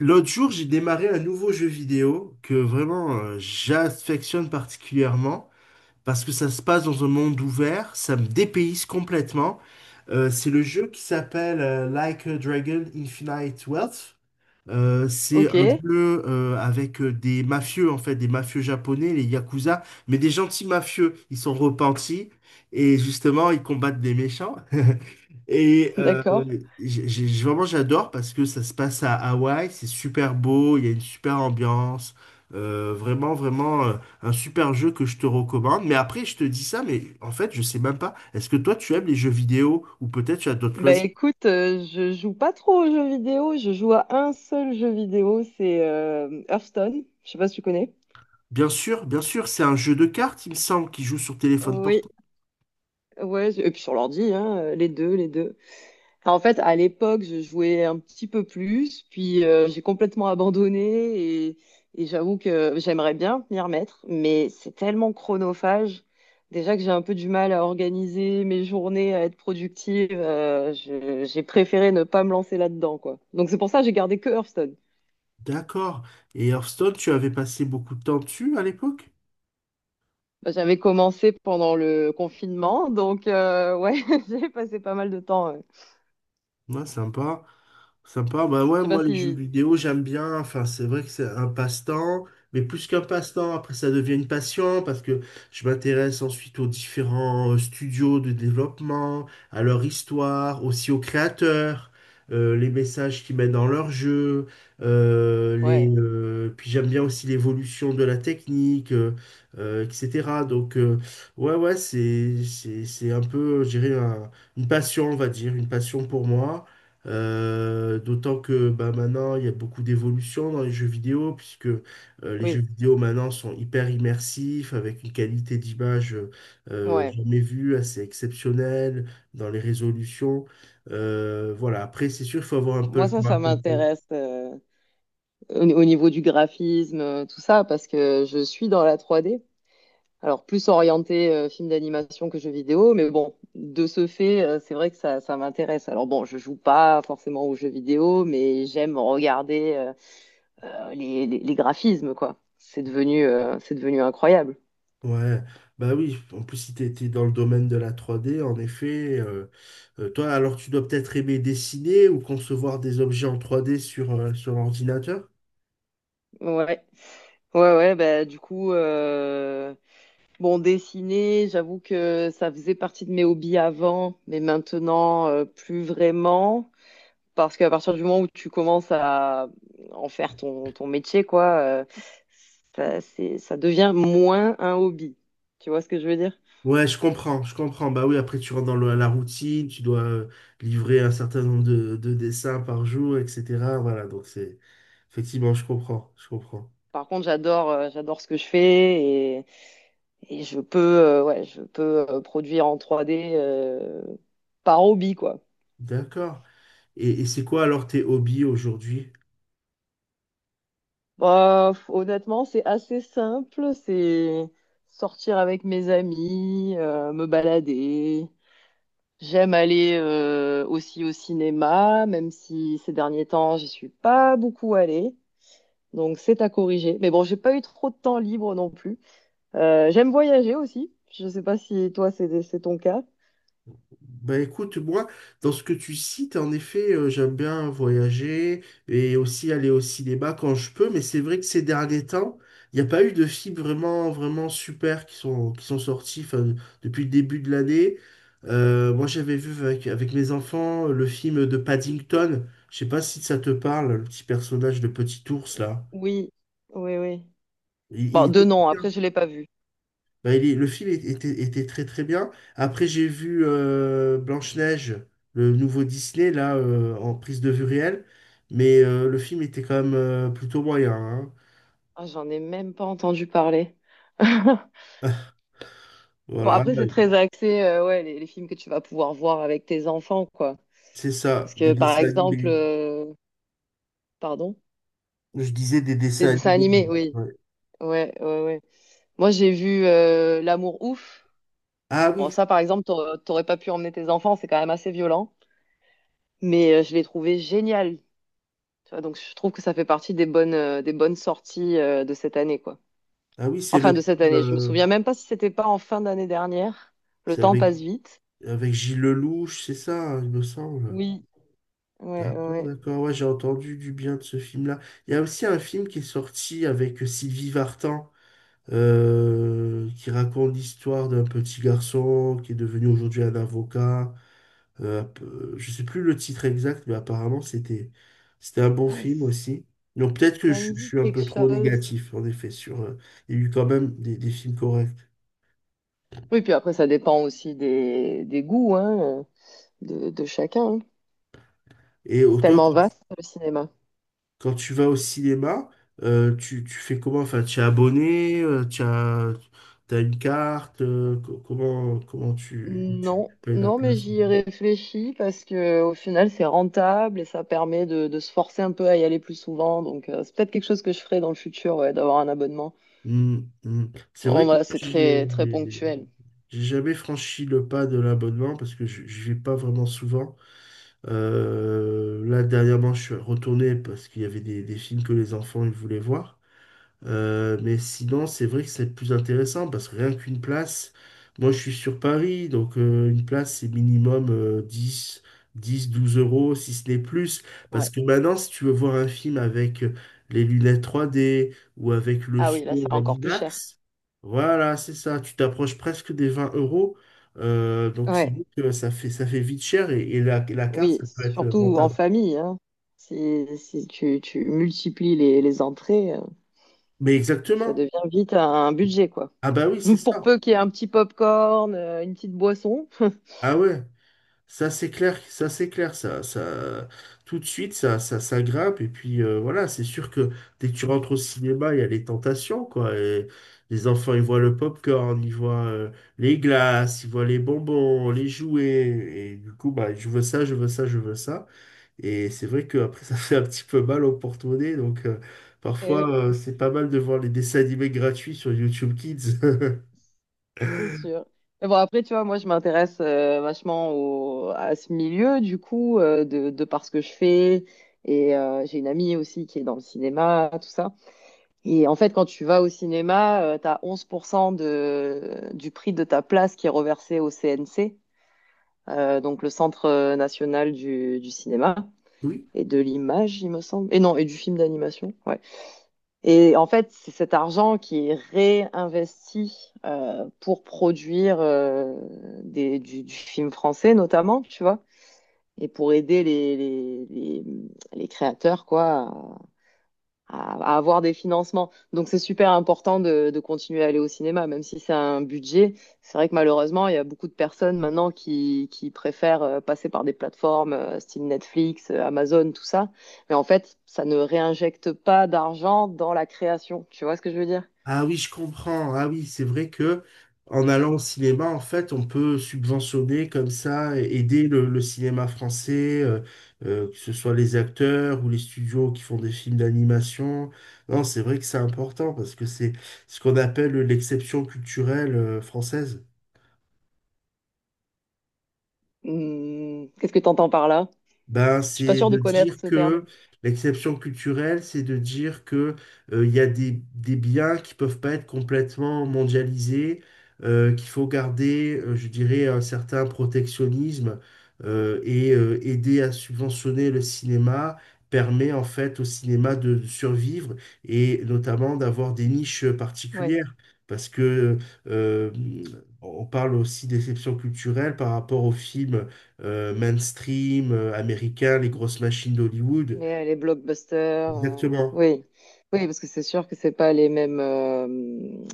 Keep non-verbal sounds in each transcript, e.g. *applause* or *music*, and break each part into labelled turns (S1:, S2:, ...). S1: L'autre jour, j'ai démarré un nouveau jeu vidéo que vraiment j'affectionne particulièrement parce que ça se passe dans un monde ouvert, ça me dépayse complètement. C'est le jeu qui s'appelle Like a Dragon Infinite Wealth. C'est
S2: Ok,
S1: un
S2: *laughs*
S1: jeu avec des mafieux, en fait, des mafieux japonais, les Yakuza, mais des gentils mafieux. Ils sont repentis et justement, ils combattent des méchants. *laughs* Et euh,
S2: d'accord.
S1: vraiment, j'adore parce que ça se passe à Hawaï, c'est super beau, il y a une super ambiance. Euh, vraiment, vraiment, euh, un super jeu que je te recommande. Mais après, je te dis ça, mais en fait, je sais même pas. Est-ce que toi, tu aimes les jeux vidéo ou peut-être tu as d'autres
S2: Bah
S1: loisirs?
S2: écoute, je joue pas trop aux jeux vidéo, je joue à un seul jeu vidéo, c'est Hearthstone, je sais pas si tu connais.
S1: Bien sûr, c'est un jeu de cartes, il me semble, qui joue sur téléphone
S2: Oui,
S1: portable.
S2: ouais, et puis sur l'ordi, hein, les deux. En fait, à l'époque, je jouais un petit peu plus, puis j'ai complètement abandonné et, et j'avoue que j'aimerais bien m'y remettre, mais c'est tellement chronophage. Déjà que j'ai un peu du mal à organiser mes journées, à être productive, j'ai préféré ne pas me lancer là-dedans, quoi. Donc c'est pour ça que j'ai gardé que Hearthstone.
S1: D'accord. Et Hearthstone, tu avais passé beaucoup de temps dessus à l'époque?
S2: Bah, j'avais commencé pendant le confinement, donc ouais, *laughs* j'ai passé pas mal de temps.
S1: Ouais, sympa. Sympa, bah
S2: Je
S1: ouais,
S2: sais pas
S1: moi les jeux
S2: si...
S1: vidéo j'aime bien, enfin c'est vrai que c'est un passe-temps, mais plus qu'un passe-temps, après ça devient une passion parce que je m'intéresse ensuite aux différents studios de développement, à leur histoire, aussi aux créateurs, les messages qu'ils mettent dans leurs jeux,
S2: Ouais,
S1: puis j'aime bien aussi l'évolution de la technique, etc. Donc ouais, c'est, c'est un peu, je dirais, une passion, on va dire, une passion pour moi. D'autant que bah, maintenant, il y a beaucoup d'évolution dans les jeux vidéo, puisque les jeux
S2: oui,
S1: vidéo maintenant sont hyper immersifs, avec une qualité d'image
S2: ouais.
S1: jamais vue, assez exceptionnelle, dans les résolutions. Voilà, après, c'est sûr, il faut avoir un peu
S2: Moi,
S1: le temps à
S2: ça
S1: côté.
S2: m'intéresse, au niveau du graphisme, tout ça, parce que je suis dans la 3D. Alors, plus orienté film d'animation que jeu vidéo, mais bon, de ce fait, c'est vrai que ça m'intéresse. Alors bon, je joue pas forcément aux jeux vidéo, mais j'aime regarder les graphismes, quoi. C'est devenu incroyable.
S1: Ouais, bah oui, en plus, si tu étais dans le domaine de la trois d en effet, toi, alors tu dois peut-être aimer dessiner ou concevoir des objets en trois d sur, sur l'ordinateur.
S2: Ouais. Ouais, ouais, bah, du coup, bon, dessiner, j'avoue que ça faisait partie de mes hobbies avant, mais maintenant, plus vraiment. Parce qu'à partir du moment où tu commences à en faire ton métier, quoi, ça, ça devient moins un hobby. Tu vois ce que je veux dire?
S1: Ouais, je comprends, je comprends. Bah oui, après tu rentres dans la routine, tu dois livrer un certain nombre de dessins par jour, etc. Voilà, donc c'est effectivement, je comprends, je comprends.
S2: Par contre, j'adore ce que je fais et je peux, euh, produire en 3D par hobby, quoi.
S1: D'accord. Et c'est quoi alors tes hobbies aujourd'hui?
S2: Bah, honnêtement, c'est assez simple. C'est sortir avec mes amis, me balader, j'aime aller aussi au cinéma, même si ces derniers temps, j'y suis pas beaucoup allée. Donc c'est à corriger. Mais bon, j'ai pas eu trop de temps libre non plus. J'aime voyager aussi. Je sais pas si toi, c'est ton cas.
S1: Bah écoute, moi, dans ce que tu cites, en effet, j'aime bien voyager et aussi aller au cinéma quand je peux, mais c'est vrai que ces derniers temps, il n'y a pas eu de films vraiment, vraiment super qui sont sortis enfin, depuis le début de l'année. Moi, j'avais vu avec, avec mes enfants le film de Paddington. Je sais pas si ça te parle, le petit personnage de Petit Ours, là.
S2: Oui, oui, oui.
S1: Il
S2: Bon, deux
S1: était
S2: nom,
S1: bien.
S2: après, je l'ai pas vu.
S1: Bah, le film était, était très très bien. Après, j'ai vu Blanche-Neige, le nouveau Disney, là, en prise de vue réelle. Mais le film était quand même plutôt moyen, hein.
S2: Ah, j'en ai même pas entendu parler. *laughs* Bon,
S1: Voilà,
S2: après,
S1: bah,
S2: c'est très axé, ouais, les films que tu vas pouvoir voir avec tes enfants, quoi.
S1: c'est ça,
S2: Parce
S1: des
S2: que, par
S1: dessins
S2: exemple,
S1: animés.
S2: pardon,
S1: Je disais des
S2: des
S1: dessins
S2: dessins animés,
S1: animés.
S2: oui.
S1: Ouais.
S2: Ouais, ouais, ouais. Moi, j'ai vu L'amour ouf.
S1: Ah
S2: Bon,
S1: oui,
S2: ça, par exemple, t'aurais pas pu emmener tes enfants, c'est quand même assez violent. Mais je l'ai trouvé génial. Tu vois, donc, je trouve que ça fait partie des bonnes sorties de cette année, quoi.
S1: ah oui, c'est
S2: Enfin,
S1: le
S2: de cette
S1: film,
S2: année. Je me
S1: euh,
S2: souviens même pas si c'était pas en fin d'année dernière. Le
S1: c'est
S2: temps
S1: avec,
S2: passe vite.
S1: avec Gilles Lelouch, c'est ça, hein, il me semble.
S2: Oui, ouais,
S1: D'accord,
S2: ouais.
S1: d'accord, ouais, j'ai entendu du bien de ce film-là. Il y a aussi un film qui est sorti avec Sylvie Vartan, qui raconte l'histoire d'un petit garçon qui est devenu aujourd'hui un avocat. Euh, je sais plus le titre exact, mais apparemment c'était un bon
S2: Ah,
S1: film aussi. Donc peut-être que
S2: ça me
S1: je
S2: dit
S1: suis un
S2: quelque
S1: peu trop
S2: chose.
S1: négatif, en effet, sur... il y a eu quand même des films corrects.
S2: Oui, puis après, ça dépend aussi des goûts, hein, de chacun, hein. C'est
S1: Toi,
S2: tellement vaste, le cinéma.
S1: quand tu vas au cinéma, tu, tu fais comment? Enfin, tu es abonné, tu as, t'as une carte, comment, comment tu, tu
S2: Non,
S1: payes la
S2: non, mais
S1: place?
S2: j'y ai réfléchi parce que au final c'est rentable et ça permet de se forcer un peu à y aller plus souvent. Donc c'est peut-être quelque chose que je ferai dans le futur, ouais, d'avoir un abonnement.
S1: Mm, mm. C'est
S2: Non,
S1: vrai que
S2: voilà, c'est
S1: j'ai
S2: très très ponctuel.
S1: j'ai jamais franchi le pas de l'abonnement parce que je vais pas vraiment souvent. Là, dernièrement, je suis retourné parce qu'il y avait des films que les enfants ils voulaient voir. Mais sinon, c'est vrai que c'est plus intéressant parce que rien qu'une place, moi je suis sur Paris, une place c'est minimum 10, 10, 12 euros, si ce n'est plus. Parce
S2: Ouais.
S1: que maintenant, si tu veux voir un film avec les lunettes 3D ou avec le
S2: Ah oui, là
S1: son
S2: c'est
S1: en
S2: encore plus cher.
S1: IMAX, voilà, c'est ça, tu t'approches presque des 20 euros. Donc c'est
S2: Ouais.
S1: vrai que ça fait vite cher et la carte,
S2: Oui,
S1: ça peut être
S2: surtout en
S1: rentable.
S2: famille, hein. Si, tu multiplies les entrées,
S1: Mais
S2: ça
S1: exactement.
S2: devient vite un budget, quoi.
S1: Ah bah oui, c'est
S2: *laughs* Pour
S1: ça.
S2: peu qu'il y ait un petit pop-corn, une petite boisson. *laughs*
S1: Ah ouais. Ça, c'est clair, ça, c'est clair, ça, tout de suite, ça grimpe, et puis voilà, c'est sûr que dès que tu rentres au cinéma, il y a les tentations, quoi, et les enfants, ils voient le popcorn, ils voient les glaces, ils voient les bonbons, les jouets, et du coup, bah, je veux ça, je veux ça, je veux ça, et c'est vrai que après *laughs* ça fait un petit peu mal au porte-monnaie, donc
S2: Eh oui.
S1: parfois, c'est pas mal de voir les dessins animés gratuits sur YouTube Kids.
S2: C'est
S1: *laughs*
S2: sûr. Mais bon, après, tu vois, moi, je m'intéresse vachement à ce milieu, du coup, de par ce que je fais. Et j'ai une amie aussi qui est dans le cinéma, tout ça. Et en fait, quand tu vas au cinéma, tu as 11% du prix de ta place qui est reversé au CNC, donc le Centre national du cinéma
S1: Oui.
S2: et de l'image, il me semble. Et non, et du film d'animation. Ouais. Et en fait, c'est cet argent qui est réinvesti pour produire du film français notamment, tu vois, et pour aider les créateurs quoi à avoir des financements. Donc c'est super important de continuer à aller au cinéma, même si c'est un budget. C'est vrai que malheureusement, il y a beaucoup de personnes maintenant qui préfèrent passer par des plateformes style Netflix, Amazon, tout ça. Mais en fait, ça ne réinjecte pas d'argent dans la création. Tu vois ce que je veux dire?
S1: Ah oui, je comprends. Ah oui, c'est vrai que en allant au cinéma, en fait, on peut subventionner comme ça, aider le cinéma français, que ce soit les acteurs ou les studios qui font des films d'animation. Non, c'est vrai que c'est important parce que c'est ce qu'on appelle l'exception culturelle, française.
S2: Hmm, qu'est-ce que tu entends par là?
S1: Ben,
S2: Je suis pas
S1: c'est
S2: sûre de
S1: de
S2: connaître
S1: dire
S2: ce terme.
S1: que l'exception culturelle, c'est de dire que il y a des biens qui peuvent pas être complètement mondialisés, qu'il faut garder, je dirais, un certain protectionnisme , et aider à subventionner le cinéma permet en fait au cinéma de survivre et notamment d'avoir des niches
S2: Ouais.
S1: particulières. Parce que euh, on parle aussi d'exception culturelle par rapport aux films mainstream, américain, les grosses machines d'Hollywood.
S2: Les blockbusters,
S1: Exactement.
S2: oui. Oui, parce que c'est sûr que c'est pas les mêmes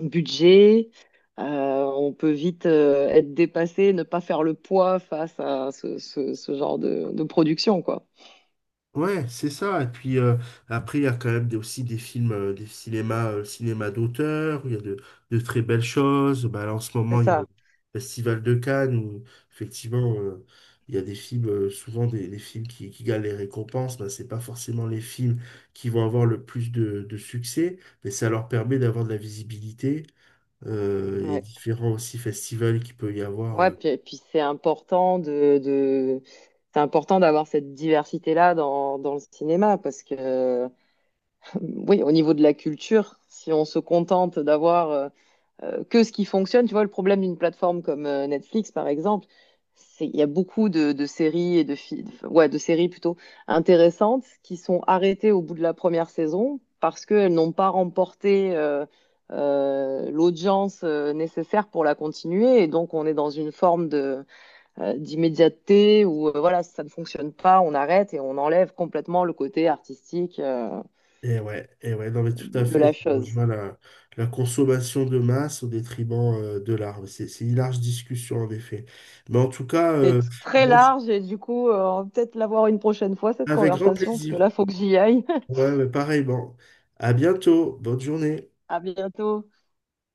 S2: budgets. Euh, on peut vite être dépassé, ne pas faire le poids face à ce, ce genre de production, quoi.
S1: Ouais, c'est ça. Et puis après, il y a quand même aussi des films, des cinémas, cinéma d'auteur, où il y a de très belles choses. Bah, là, en ce moment,
S2: C'est
S1: il y a le
S2: ça.
S1: Festival de Cannes où effectivement, il y a des films, souvent des films qui gagnent les récompenses. Bah, c'est pas forcément les films qui vont avoir le plus de succès, mais ça leur permet d'avoir de la visibilité. Et
S2: Ouais.
S1: différents aussi festivals qu'il peut y avoir,
S2: Ouais, puis c'est important c'est important d'avoir cette diversité-là dans, dans le cinéma, parce que, *laughs* oui, au niveau de la culture, si on se contente d'avoir que ce qui fonctionne. Tu vois, le problème d'une plateforme comme Netflix, par exemple, c'est il y a beaucoup de séries et enfin, ouais, de séries plutôt intéressantes qui sont arrêtées au bout de la première saison parce qu'elles n'ont pas remporté l'audience nécessaire pour la continuer. Et donc, on est dans une forme de d'immédiateté où, voilà, ça ne fonctionne pas, on arrête et on enlève complètement le côté artistique
S1: et ouais, et ouais, non mais tout à
S2: de
S1: fait,
S2: la
S1: ça
S2: chose.
S1: rejoint la, la consommation de masse au détriment de l'art. Mais c'est une large discussion en effet. Mais en tout cas,
S2: C'est très
S1: moi, je-
S2: large et du coup, on va peut-être l'avoir une prochaine fois, cette
S1: Avec grand
S2: conversation, parce que là,
S1: plaisir.
S2: faut que j'y aille. *laughs*
S1: Ouais, ouais, pareil, bon. À bientôt, bonne journée.
S2: À bientôt.